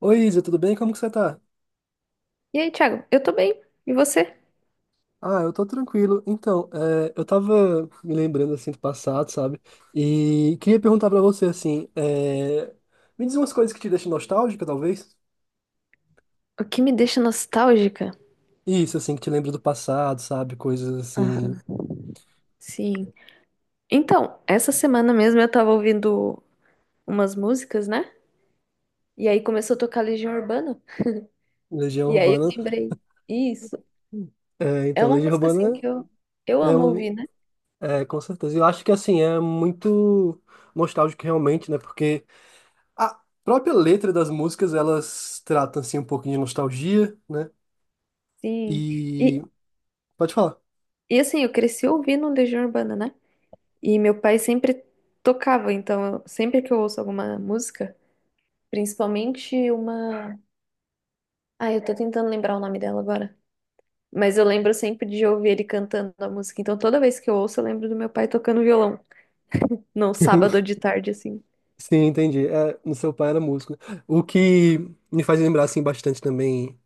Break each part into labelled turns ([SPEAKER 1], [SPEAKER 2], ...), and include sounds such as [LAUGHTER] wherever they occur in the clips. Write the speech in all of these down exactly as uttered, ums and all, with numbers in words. [SPEAKER 1] Oi, Isa, tudo bem? Como que você tá?
[SPEAKER 2] E aí, Thiago? Eu tô bem. E você?
[SPEAKER 1] Ah, eu tô tranquilo. Então, é, eu tava me lembrando, assim, do passado, sabe? E queria perguntar pra você, assim, é, me diz umas coisas que te deixam nostálgica, talvez?
[SPEAKER 2] O que me deixa nostálgica?
[SPEAKER 1] Isso, assim, que te lembra do passado, sabe? Coisas assim,
[SPEAKER 2] Aham. Sim. Então, essa semana mesmo eu tava ouvindo umas músicas, né? E aí começou a tocar Legião Urbana.
[SPEAKER 1] Legião
[SPEAKER 2] E aí eu
[SPEAKER 1] Urbana.
[SPEAKER 2] lembrei, isso.
[SPEAKER 1] É,
[SPEAKER 2] É
[SPEAKER 1] então,
[SPEAKER 2] uma
[SPEAKER 1] Legião
[SPEAKER 2] música assim
[SPEAKER 1] Urbana
[SPEAKER 2] que eu, eu
[SPEAKER 1] é,
[SPEAKER 2] amo
[SPEAKER 1] um,
[SPEAKER 2] ouvir, né?
[SPEAKER 1] é, com certeza. Eu acho que, assim, é muito nostálgico realmente, né? Porque a própria letra das músicas, elas tratam, assim, um pouquinho de nostalgia, né?
[SPEAKER 2] Sim. E,
[SPEAKER 1] E... Pode falar.
[SPEAKER 2] e assim, eu cresci ouvindo Legião Urbana, né? E meu pai sempre tocava, então eu- sempre que eu ouço alguma música, principalmente uma. Ah, eu tô tentando lembrar o nome dela agora. Mas eu lembro sempre de ouvir ele cantando a música. Então toda vez que eu ouço, eu lembro do meu pai tocando violão. No sábado
[SPEAKER 1] [LAUGHS]
[SPEAKER 2] de tarde, assim.
[SPEAKER 1] Sim, entendi. É, no seu pai era músico, né? O que me faz lembrar assim bastante também,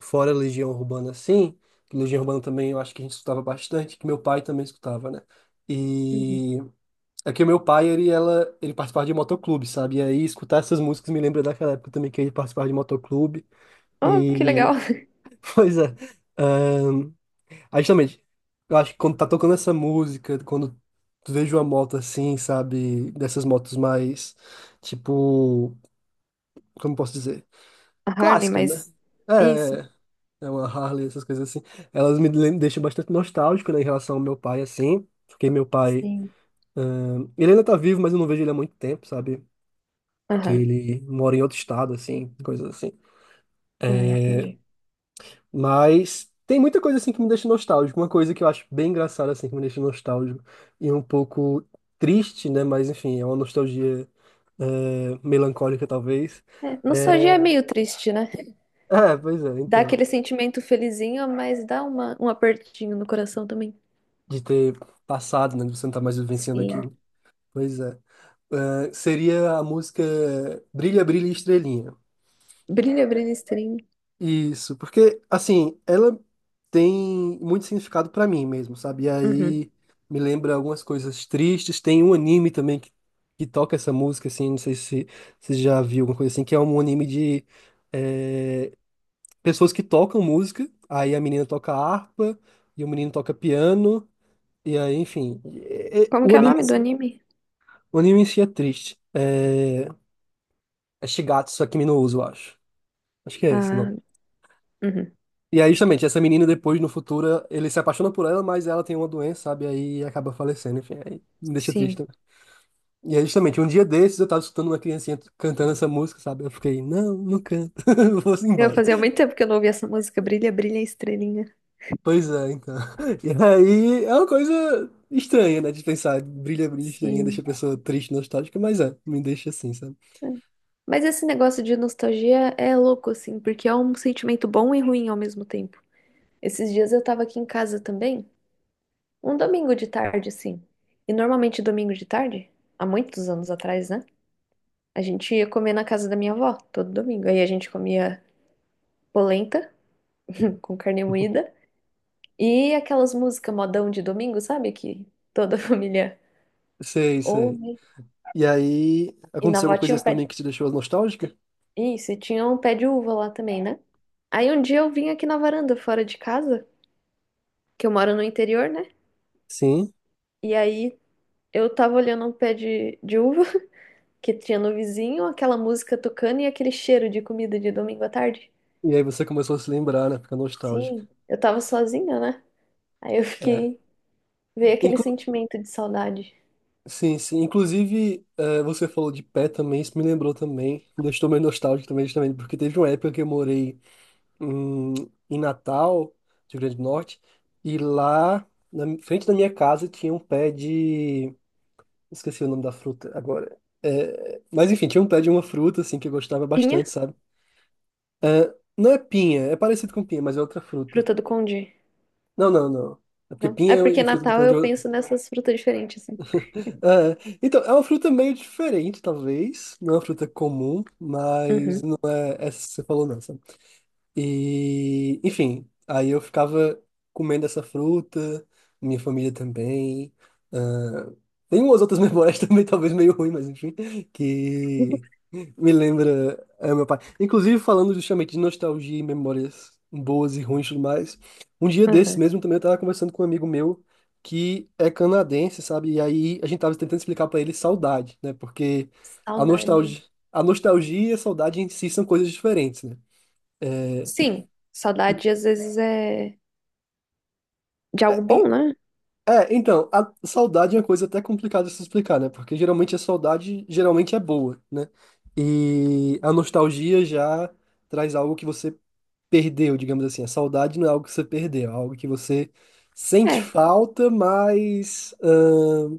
[SPEAKER 1] fora Legião Urbana, assim, que Legião Urbana também eu acho que a gente escutava bastante, que meu pai também escutava, né?
[SPEAKER 2] Uhum.
[SPEAKER 1] E é que o meu pai, ele, ela, ele participava de motoclube, sabe? E aí escutar essas músicas me lembra daquela época também que ele participava de motoclube.
[SPEAKER 2] Oh, que
[SPEAKER 1] E,
[SPEAKER 2] legal. [LAUGHS]
[SPEAKER 1] [LAUGHS] pois é. ahn, Aí justamente, eu acho que quando tá tocando essa música, quando tu vejo uma moto assim, sabe? Dessas motos mais, tipo, como posso dizer?
[SPEAKER 2] A Harley,
[SPEAKER 1] Clássica, né?
[SPEAKER 2] mas. Isso.
[SPEAKER 1] É, é É uma Harley, essas coisas assim. Elas me lem- deixam bastante nostálgico, né, em relação ao meu pai, assim. Porque meu pai,
[SPEAKER 2] Sim.
[SPEAKER 1] ahn, ele ainda tá vivo, mas eu não vejo ele há muito tempo, sabe? Que
[SPEAKER 2] Aham.
[SPEAKER 1] ele mora em outro estado, assim, coisas assim.
[SPEAKER 2] Ah, entendi.
[SPEAKER 1] Mas tem muita coisa, assim, que me deixa nostálgico. Uma coisa que eu acho bem engraçada, assim, que me deixa nostálgico. E um pouco triste, né? Mas, enfim, é uma nostalgia, eh, melancólica, talvez.
[SPEAKER 2] É, nostalgia é
[SPEAKER 1] É,
[SPEAKER 2] meio triste, né?
[SPEAKER 1] é, pois é,
[SPEAKER 2] Dá
[SPEAKER 1] então.
[SPEAKER 2] aquele sentimento felizinho, mas dá uma, um apertinho no coração também.
[SPEAKER 1] De ter passado, né? De você não estar mais vivenciando
[SPEAKER 2] Sim.
[SPEAKER 1] aquilo. Pois é. Ah, seria a música Brilha, Brilha, Estrelinha.
[SPEAKER 2] Brilha, brilha, estranho.
[SPEAKER 1] Isso, porque, assim, ela tem muito significado pra mim mesmo, sabe? E
[SPEAKER 2] Uhum.
[SPEAKER 1] aí me lembra algumas coisas tristes. Tem um anime também que, que toca essa música, assim, não sei se você já viu alguma coisa assim, que é um anime de eh, pessoas que tocam música. Aí a menina toca harpa e o menino toca piano. E aí, enfim, é- é-
[SPEAKER 2] Como
[SPEAKER 1] o
[SPEAKER 2] que é o
[SPEAKER 1] anime,
[SPEAKER 2] nome do anime?
[SPEAKER 1] o anime em si é triste. É, é Shigatsu Akimi no Uso, eu acho. Acho que é esse o
[SPEAKER 2] Ah,
[SPEAKER 1] nome.
[SPEAKER 2] uhum.
[SPEAKER 1] E aí, justamente, essa menina depois, no futuro, ele se apaixona por ela, mas ela tem uma doença, sabe? Aí acaba falecendo, enfim, aí me deixa triste
[SPEAKER 2] Sim.
[SPEAKER 1] também. E aí, justamente, um dia desses eu tava escutando uma criancinha cantando essa música, sabe? Eu fiquei, não, não canto, [LAUGHS] vou
[SPEAKER 2] Eu
[SPEAKER 1] embora.
[SPEAKER 2] fazia muito tempo que eu não ouvia essa música. Brilha, brilha, estrelinha.
[SPEAKER 1] Pois é, então. [LAUGHS] E aí, é uma coisa estranha, né, de pensar, brilha, brilha, estrelinha, deixa
[SPEAKER 2] Sim.
[SPEAKER 1] a pessoa triste, nostálgica, mas é, me deixa assim, sabe?
[SPEAKER 2] Mas esse negócio de nostalgia é louco, assim, porque é um sentimento bom e ruim ao mesmo tempo. Esses dias eu tava aqui em casa também, um domingo de tarde, assim. E normalmente domingo de tarde, há muitos anos atrás, né? A gente ia comer na casa da minha avó, todo domingo. Aí a gente comia polenta [LAUGHS] com carne moída e aquelas músicas modão de domingo, sabe? Que toda [LAUGHS] a família
[SPEAKER 1] Sei, sei.
[SPEAKER 2] ouve.
[SPEAKER 1] E aí,
[SPEAKER 2] E na
[SPEAKER 1] aconteceu
[SPEAKER 2] avó
[SPEAKER 1] alguma coisa
[SPEAKER 2] tinha um
[SPEAKER 1] assim
[SPEAKER 2] pé
[SPEAKER 1] também
[SPEAKER 2] de...
[SPEAKER 1] que te deixou nostálgica?
[SPEAKER 2] Isso, e tinha um pé de uva lá também, né? Aí um dia eu vim aqui na varanda, fora de casa, que eu moro no interior, né?
[SPEAKER 1] Sim.
[SPEAKER 2] E aí eu tava olhando um pé de, de uva [LAUGHS] que tinha no vizinho, aquela música tocando e aquele cheiro de comida de domingo à tarde.
[SPEAKER 1] E aí você começou a se lembrar, né? Ficar nostálgica.
[SPEAKER 2] Sim, eu tava sozinha, né? Aí eu
[SPEAKER 1] É.
[SPEAKER 2] fiquei, veio aquele
[SPEAKER 1] Inclu-
[SPEAKER 2] sentimento de saudade.
[SPEAKER 1] sim, sim. Inclusive, é, você falou de pé também, isso me lembrou também. Me deixou meio nostálgico também, justamente, porque teve uma época que eu morei em, em Natal, Rio Grande do Norte, e lá, na mi- frente da minha casa, tinha um pé de... Esqueci o nome da fruta agora. É, mas enfim, tinha um pé de uma fruta, assim, que eu gostava
[SPEAKER 2] Pinha,
[SPEAKER 1] bastante, sabe? É, não é pinha, é parecido com pinha, mas é outra fruta.
[SPEAKER 2] fruta do congee.
[SPEAKER 1] Não, não, não. É porque
[SPEAKER 2] Não? É
[SPEAKER 1] pinha
[SPEAKER 2] porque
[SPEAKER 1] e fruta do
[SPEAKER 2] Natal
[SPEAKER 1] pão de
[SPEAKER 2] eu
[SPEAKER 1] ouro. [LAUGHS]
[SPEAKER 2] penso nessas frutas diferentes, assim.
[SPEAKER 1] É, então, é uma fruta meio diferente, talvez. Não é uma fruta comum, mas
[SPEAKER 2] Uhum,
[SPEAKER 1] né, essa que você falou não, e, enfim, aí eu ficava comendo essa fruta, minha família também. Ah, tem umas outras memórias [LAUGHS] também, talvez meio ruim, mas enfim, que me lembra, ah, meu pai. Inclusive, falando justamente de nostalgia e memórias boas e ruins e tudo mais, um dia desses
[SPEAKER 2] uhum.
[SPEAKER 1] mesmo também eu tava conversando com um amigo meu que é canadense, sabe? E aí a gente tava tentando explicar pra ele saudade, né? Porque a
[SPEAKER 2] Saudade.
[SPEAKER 1] nostalgia, a nostalgia e a saudade em si são coisas diferentes, né? É,
[SPEAKER 2] Sim, saudade às vezes é de algo
[SPEAKER 1] é,
[SPEAKER 2] bom,
[SPEAKER 1] e-
[SPEAKER 2] né?
[SPEAKER 1] é, então, a saudade é uma coisa até complicada de se explicar, né? Porque geralmente a saudade geralmente é boa, né? E a nostalgia já traz algo que você perdeu, digamos assim. A saudade não é algo que você perdeu, é algo que você sente
[SPEAKER 2] É.
[SPEAKER 1] falta, mas ahn,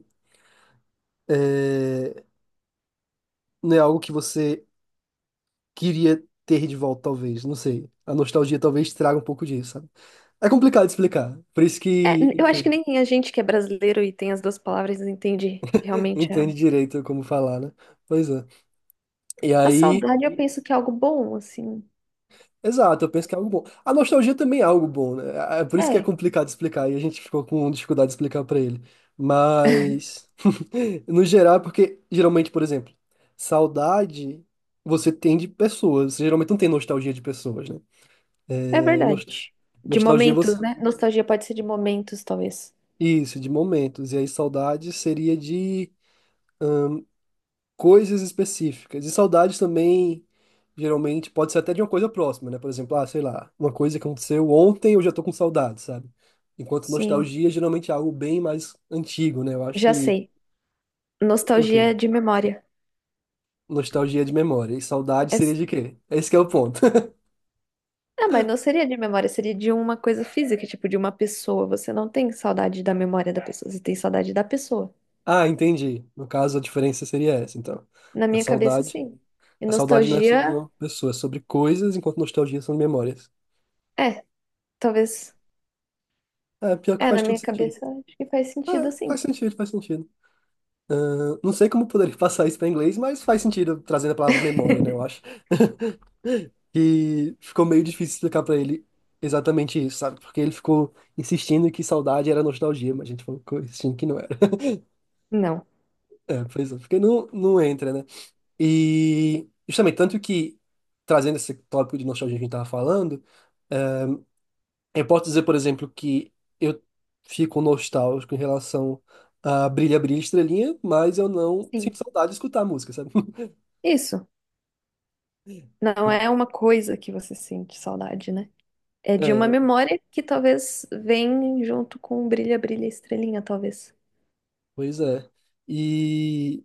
[SPEAKER 1] não é algo que você queria ter de volta, talvez. Não sei. A nostalgia talvez traga um pouco disso, sabe? É complicado de explicar. Por isso
[SPEAKER 2] É,
[SPEAKER 1] que,
[SPEAKER 2] eu acho que
[SPEAKER 1] enfim,
[SPEAKER 2] nem a gente que é brasileiro e tem as duas palavras entende
[SPEAKER 1] [LAUGHS]
[SPEAKER 2] realmente a...
[SPEAKER 1] entende direito como falar, né? Pois é. E
[SPEAKER 2] A
[SPEAKER 1] aí.
[SPEAKER 2] saudade eu penso que é algo bom, assim.
[SPEAKER 1] Exato, eu penso que é algo bom. A nostalgia também é algo bom, né? É é por isso que é
[SPEAKER 2] É,
[SPEAKER 1] complicado explicar e a gente ficou com dificuldade de explicar pra ele. Mas, [LAUGHS] no geral, é porque geralmente, por exemplo, saudade você tem de pessoas. Você geralmente não tem nostalgia de pessoas, né?
[SPEAKER 2] é
[SPEAKER 1] É,
[SPEAKER 2] verdade.
[SPEAKER 1] nos-
[SPEAKER 2] De
[SPEAKER 1] nostalgia
[SPEAKER 2] momentos,
[SPEAKER 1] você.
[SPEAKER 2] né? Nostalgia pode ser de momentos, talvez.
[SPEAKER 1] Isso, de momentos. E aí saudade seria de coisas específicas. E saudades também, geralmente, pode ser até de uma coisa próxima, né? Por exemplo, ah, sei lá, uma coisa que aconteceu ontem, eu já tô com saudade, sabe? Enquanto
[SPEAKER 2] Sim,
[SPEAKER 1] nostalgia, geralmente é algo bem mais antigo, né? Eu acho
[SPEAKER 2] já
[SPEAKER 1] que,
[SPEAKER 2] sei.
[SPEAKER 1] o
[SPEAKER 2] Nostalgia
[SPEAKER 1] quê?
[SPEAKER 2] de memória.
[SPEAKER 1] Nostalgia é de memória. E saudade
[SPEAKER 2] É...
[SPEAKER 1] seria de quê? Esse que é o ponto. [LAUGHS]
[SPEAKER 2] Ah, mas não seria de memória, seria de uma coisa física, tipo de uma pessoa. Você não tem saudade da memória da pessoa, você tem saudade da pessoa.
[SPEAKER 1] Ah, entendi. No caso, a diferença seria essa, então.
[SPEAKER 2] Na
[SPEAKER 1] A
[SPEAKER 2] minha cabeça,
[SPEAKER 1] saudade,
[SPEAKER 2] sim. E
[SPEAKER 1] a saudade não é sobre
[SPEAKER 2] nostalgia,
[SPEAKER 1] uma pessoa, é sobre coisas, enquanto nostalgia são memórias.
[SPEAKER 2] é, talvez.
[SPEAKER 1] É, pior que
[SPEAKER 2] É,
[SPEAKER 1] faz
[SPEAKER 2] na
[SPEAKER 1] tudo
[SPEAKER 2] minha
[SPEAKER 1] sentido.
[SPEAKER 2] cabeça, acho que faz
[SPEAKER 1] É,
[SPEAKER 2] sentido assim.
[SPEAKER 1] faz sentido, faz sentido. Ahn, não sei como eu poderia [LAUGHS] passar isso para inglês, mas faz sentido trazendo a palavra memória, né? Eu acho. E ficou meio difícil explicar para ele exatamente isso, sabe? Porque ele ficou insistindo que saudade era nostalgia, mas a gente falou que- insistindo que não era. [LAUGHS]
[SPEAKER 2] Não.
[SPEAKER 1] É, pois é, porque não, não entra, né? E justamente, tanto que trazendo esse tópico de nostalgia que a gente tava falando, eh, eu posso dizer, por exemplo, que eu fico nostálgico em relação a Brilha, Brilha, Estrelinha, mas eu não sinto
[SPEAKER 2] Sim.
[SPEAKER 1] saudade de escutar a música, sabe?
[SPEAKER 2] Isso. Não é uma
[SPEAKER 1] [LAUGHS]
[SPEAKER 2] coisa que você sente saudade, né? É de uma
[SPEAKER 1] É,
[SPEAKER 2] memória que talvez vem junto com Brilha, Brilha, Estrelinha, talvez.
[SPEAKER 1] pois é. E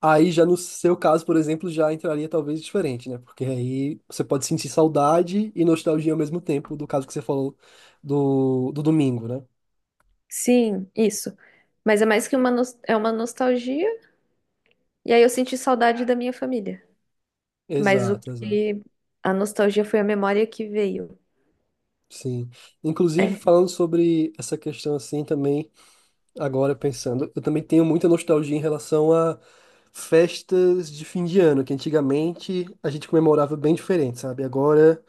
[SPEAKER 1] aí, já no seu caso, por exemplo, já entraria talvez diferente, né? Porque aí você pode sentir saudade e nostalgia ao mesmo tempo, do caso que você falou do, do domingo, né?
[SPEAKER 2] Sim, isso. Mas é mais que uma, nos- é uma nostalgia. E aí eu senti saudade da minha família. Mas o
[SPEAKER 1] Exato, exato.
[SPEAKER 2] que... A nostalgia foi a memória que veio.
[SPEAKER 1] Sim. Inclusive,
[SPEAKER 2] É,
[SPEAKER 1] falando sobre essa questão assim também, agora pensando, eu também tenho muita nostalgia em relação a festas de fim de ano, que antigamente a gente comemorava bem diferente, sabe? Agora.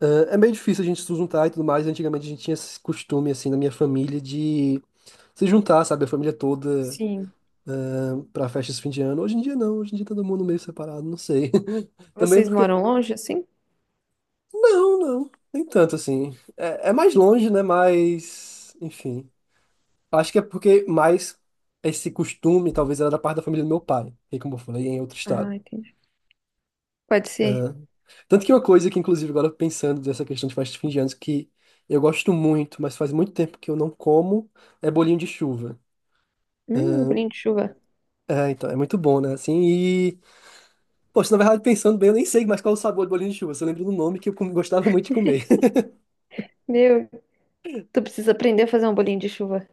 [SPEAKER 1] É é meio difícil a gente se juntar e tudo mais. Antigamente a gente tinha esse costume, assim, na minha família de se juntar, sabe? A família toda
[SPEAKER 2] sim.
[SPEAKER 1] para pra festa de fim de ano. Hoje em dia não, hoje em dia todo mundo meio separado, não sei. [LAUGHS] Também
[SPEAKER 2] Vocês
[SPEAKER 1] porque.
[SPEAKER 2] moram longe, assim?
[SPEAKER 1] Não, não, nem tanto assim. É, é mais longe, né? Mas. Enfim. Acho que é porque mais esse costume talvez era da parte da família do meu pai, que, como eu falei, é em outro
[SPEAKER 2] Ah,
[SPEAKER 1] estado.
[SPEAKER 2] entendi. Pode ser.
[SPEAKER 1] Tanto que uma coisa que, inclusive, agora pensando nessa questão de festa de fim de anos, que eu gosto muito, mas faz muito tempo que eu não como, é bolinho de chuva.
[SPEAKER 2] Hum, um bolinho de chuva.
[SPEAKER 1] É, então, é muito bom, né? Assim, e... Poxa, na verdade, pensando bem, eu nem sei mais qual é o sabor do bolinho de chuva. Só lembro do nome que eu com- gostava muito de comer. [LAUGHS]
[SPEAKER 2] Meu, tu precisa aprender a fazer um bolinho de chuva.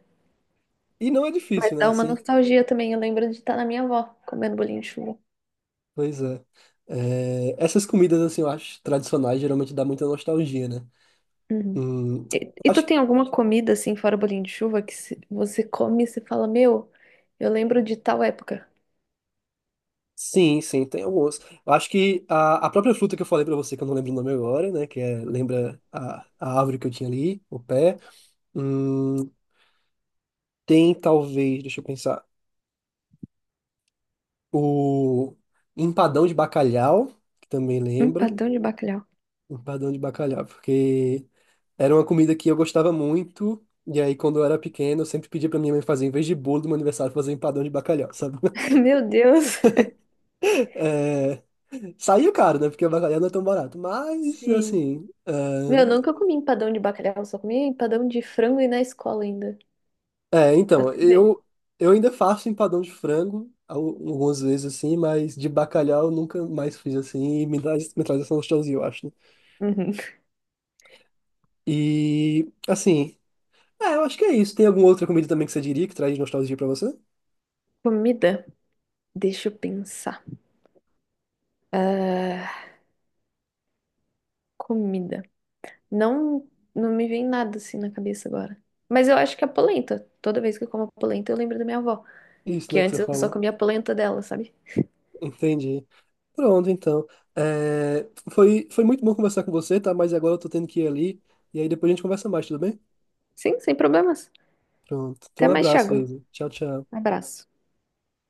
[SPEAKER 1] E não é
[SPEAKER 2] Mas
[SPEAKER 1] difícil, né?
[SPEAKER 2] dá uma
[SPEAKER 1] Assim,
[SPEAKER 2] nostalgia também. Eu lembro de estar na minha avó comendo bolinho de chuva.
[SPEAKER 1] pois é. É, essas comidas, assim, eu acho, tradicionais, geralmente dá muita nostalgia, né?
[SPEAKER 2] Uhum.
[SPEAKER 1] Hum,
[SPEAKER 2] E, e tu
[SPEAKER 1] acho
[SPEAKER 2] tem alguma comida assim, fora o bolinho de chuva, que se- você come e você fala, meu, eu lembro de tal época.
[SPEAKER 1] sim, sim, tem alguns. Eu acho que a, a própria fruta que eu falei pra você, que eu não lembro o nome agora, né? Que é, lembra a, a árvore que eu tinha ali, o pé. Hum, tem talvez, deixa eu pensar, o empadão de bacalhau, que também lembra.
[SPEAKER 2] Empadão de bacalhau.
[SPEAKER 1] Empadão de bacalhau, porque era uma comida que eu gostava muito. E aí, quando eu era pequeno, eu sempre pedia pra minha mãe fazer, em vez de bolo do meu aniversário, fazer empadão de bacalhau, sabe?
[SPEAKER 2] [LAUGHS]
[SPEAKER 1] [LAUGHS]
[SPEAKER 2] Meu Deus.
[SPEAKER 1] É, saiu caro, né? Porque o bacalhau não é tão barato. Mas,
[SPEAKER 2] Sim.
[SPEAKER 1] assim, é,
[SPEAKER 2] Meu, nunca comi empadão de bacalhau, só comi empadão de frango e na escola ainda.
[SPEAKER 1] é,
[SPEAKER 2] Pra
[SPEAKER 1] então,
[SPEAKER 2] tu ver.
[SPEAKER 1] eu, eu ainda faço empadão de frango al- algumas vezes assim, mas de bacalhau eu nunca mais fiz assim, e me traz, me traz essa nostalgia, eu acho, né?
[SPEAKER 2] Uhum.
[SPEAKER 1] E, assim, é, eu acho que é isso. Tem alguma outra comida também que você diria que traz nostalgia pra você?
[SPEAKER 2] Comida? Deixa eu pensar. Ah, comida. Não, não me vem nada assim na cabeça agora. Mas eu acho que a polenta. Toda vez que eu como a polenta, eu lembro da minha avó.
[SPEAKER 1] Isso,
[SPEAKER 2] Que
[SPEAKER 1] né, que você
[SPEAKER 2] antes eu só
[SPEAKER 1] falou.
[SPEAKER 2] comia a polenta dela, sabe?
[SPEAKER 1] Entendi. Pronto, então. É, foi, foi muito bom conversar com você, tá? Mas agora eu tô tendo que ir ali, e aí depois a gente conversa mais, tudo bem?
[SPEAKER 2] Sim, sem problemas.
[SPEAKER 1] Pronto. Então,
[SPEAKER 2] Até
[SPEAKER 1] um
[SPEAKER 2] mais,
[SPEAKER 1] abraço,
[SPEAKER 2] Thiago.
[SPEAKER 1] Isa. Tchau, tchau.
[SPEAKER 2] Um abraço.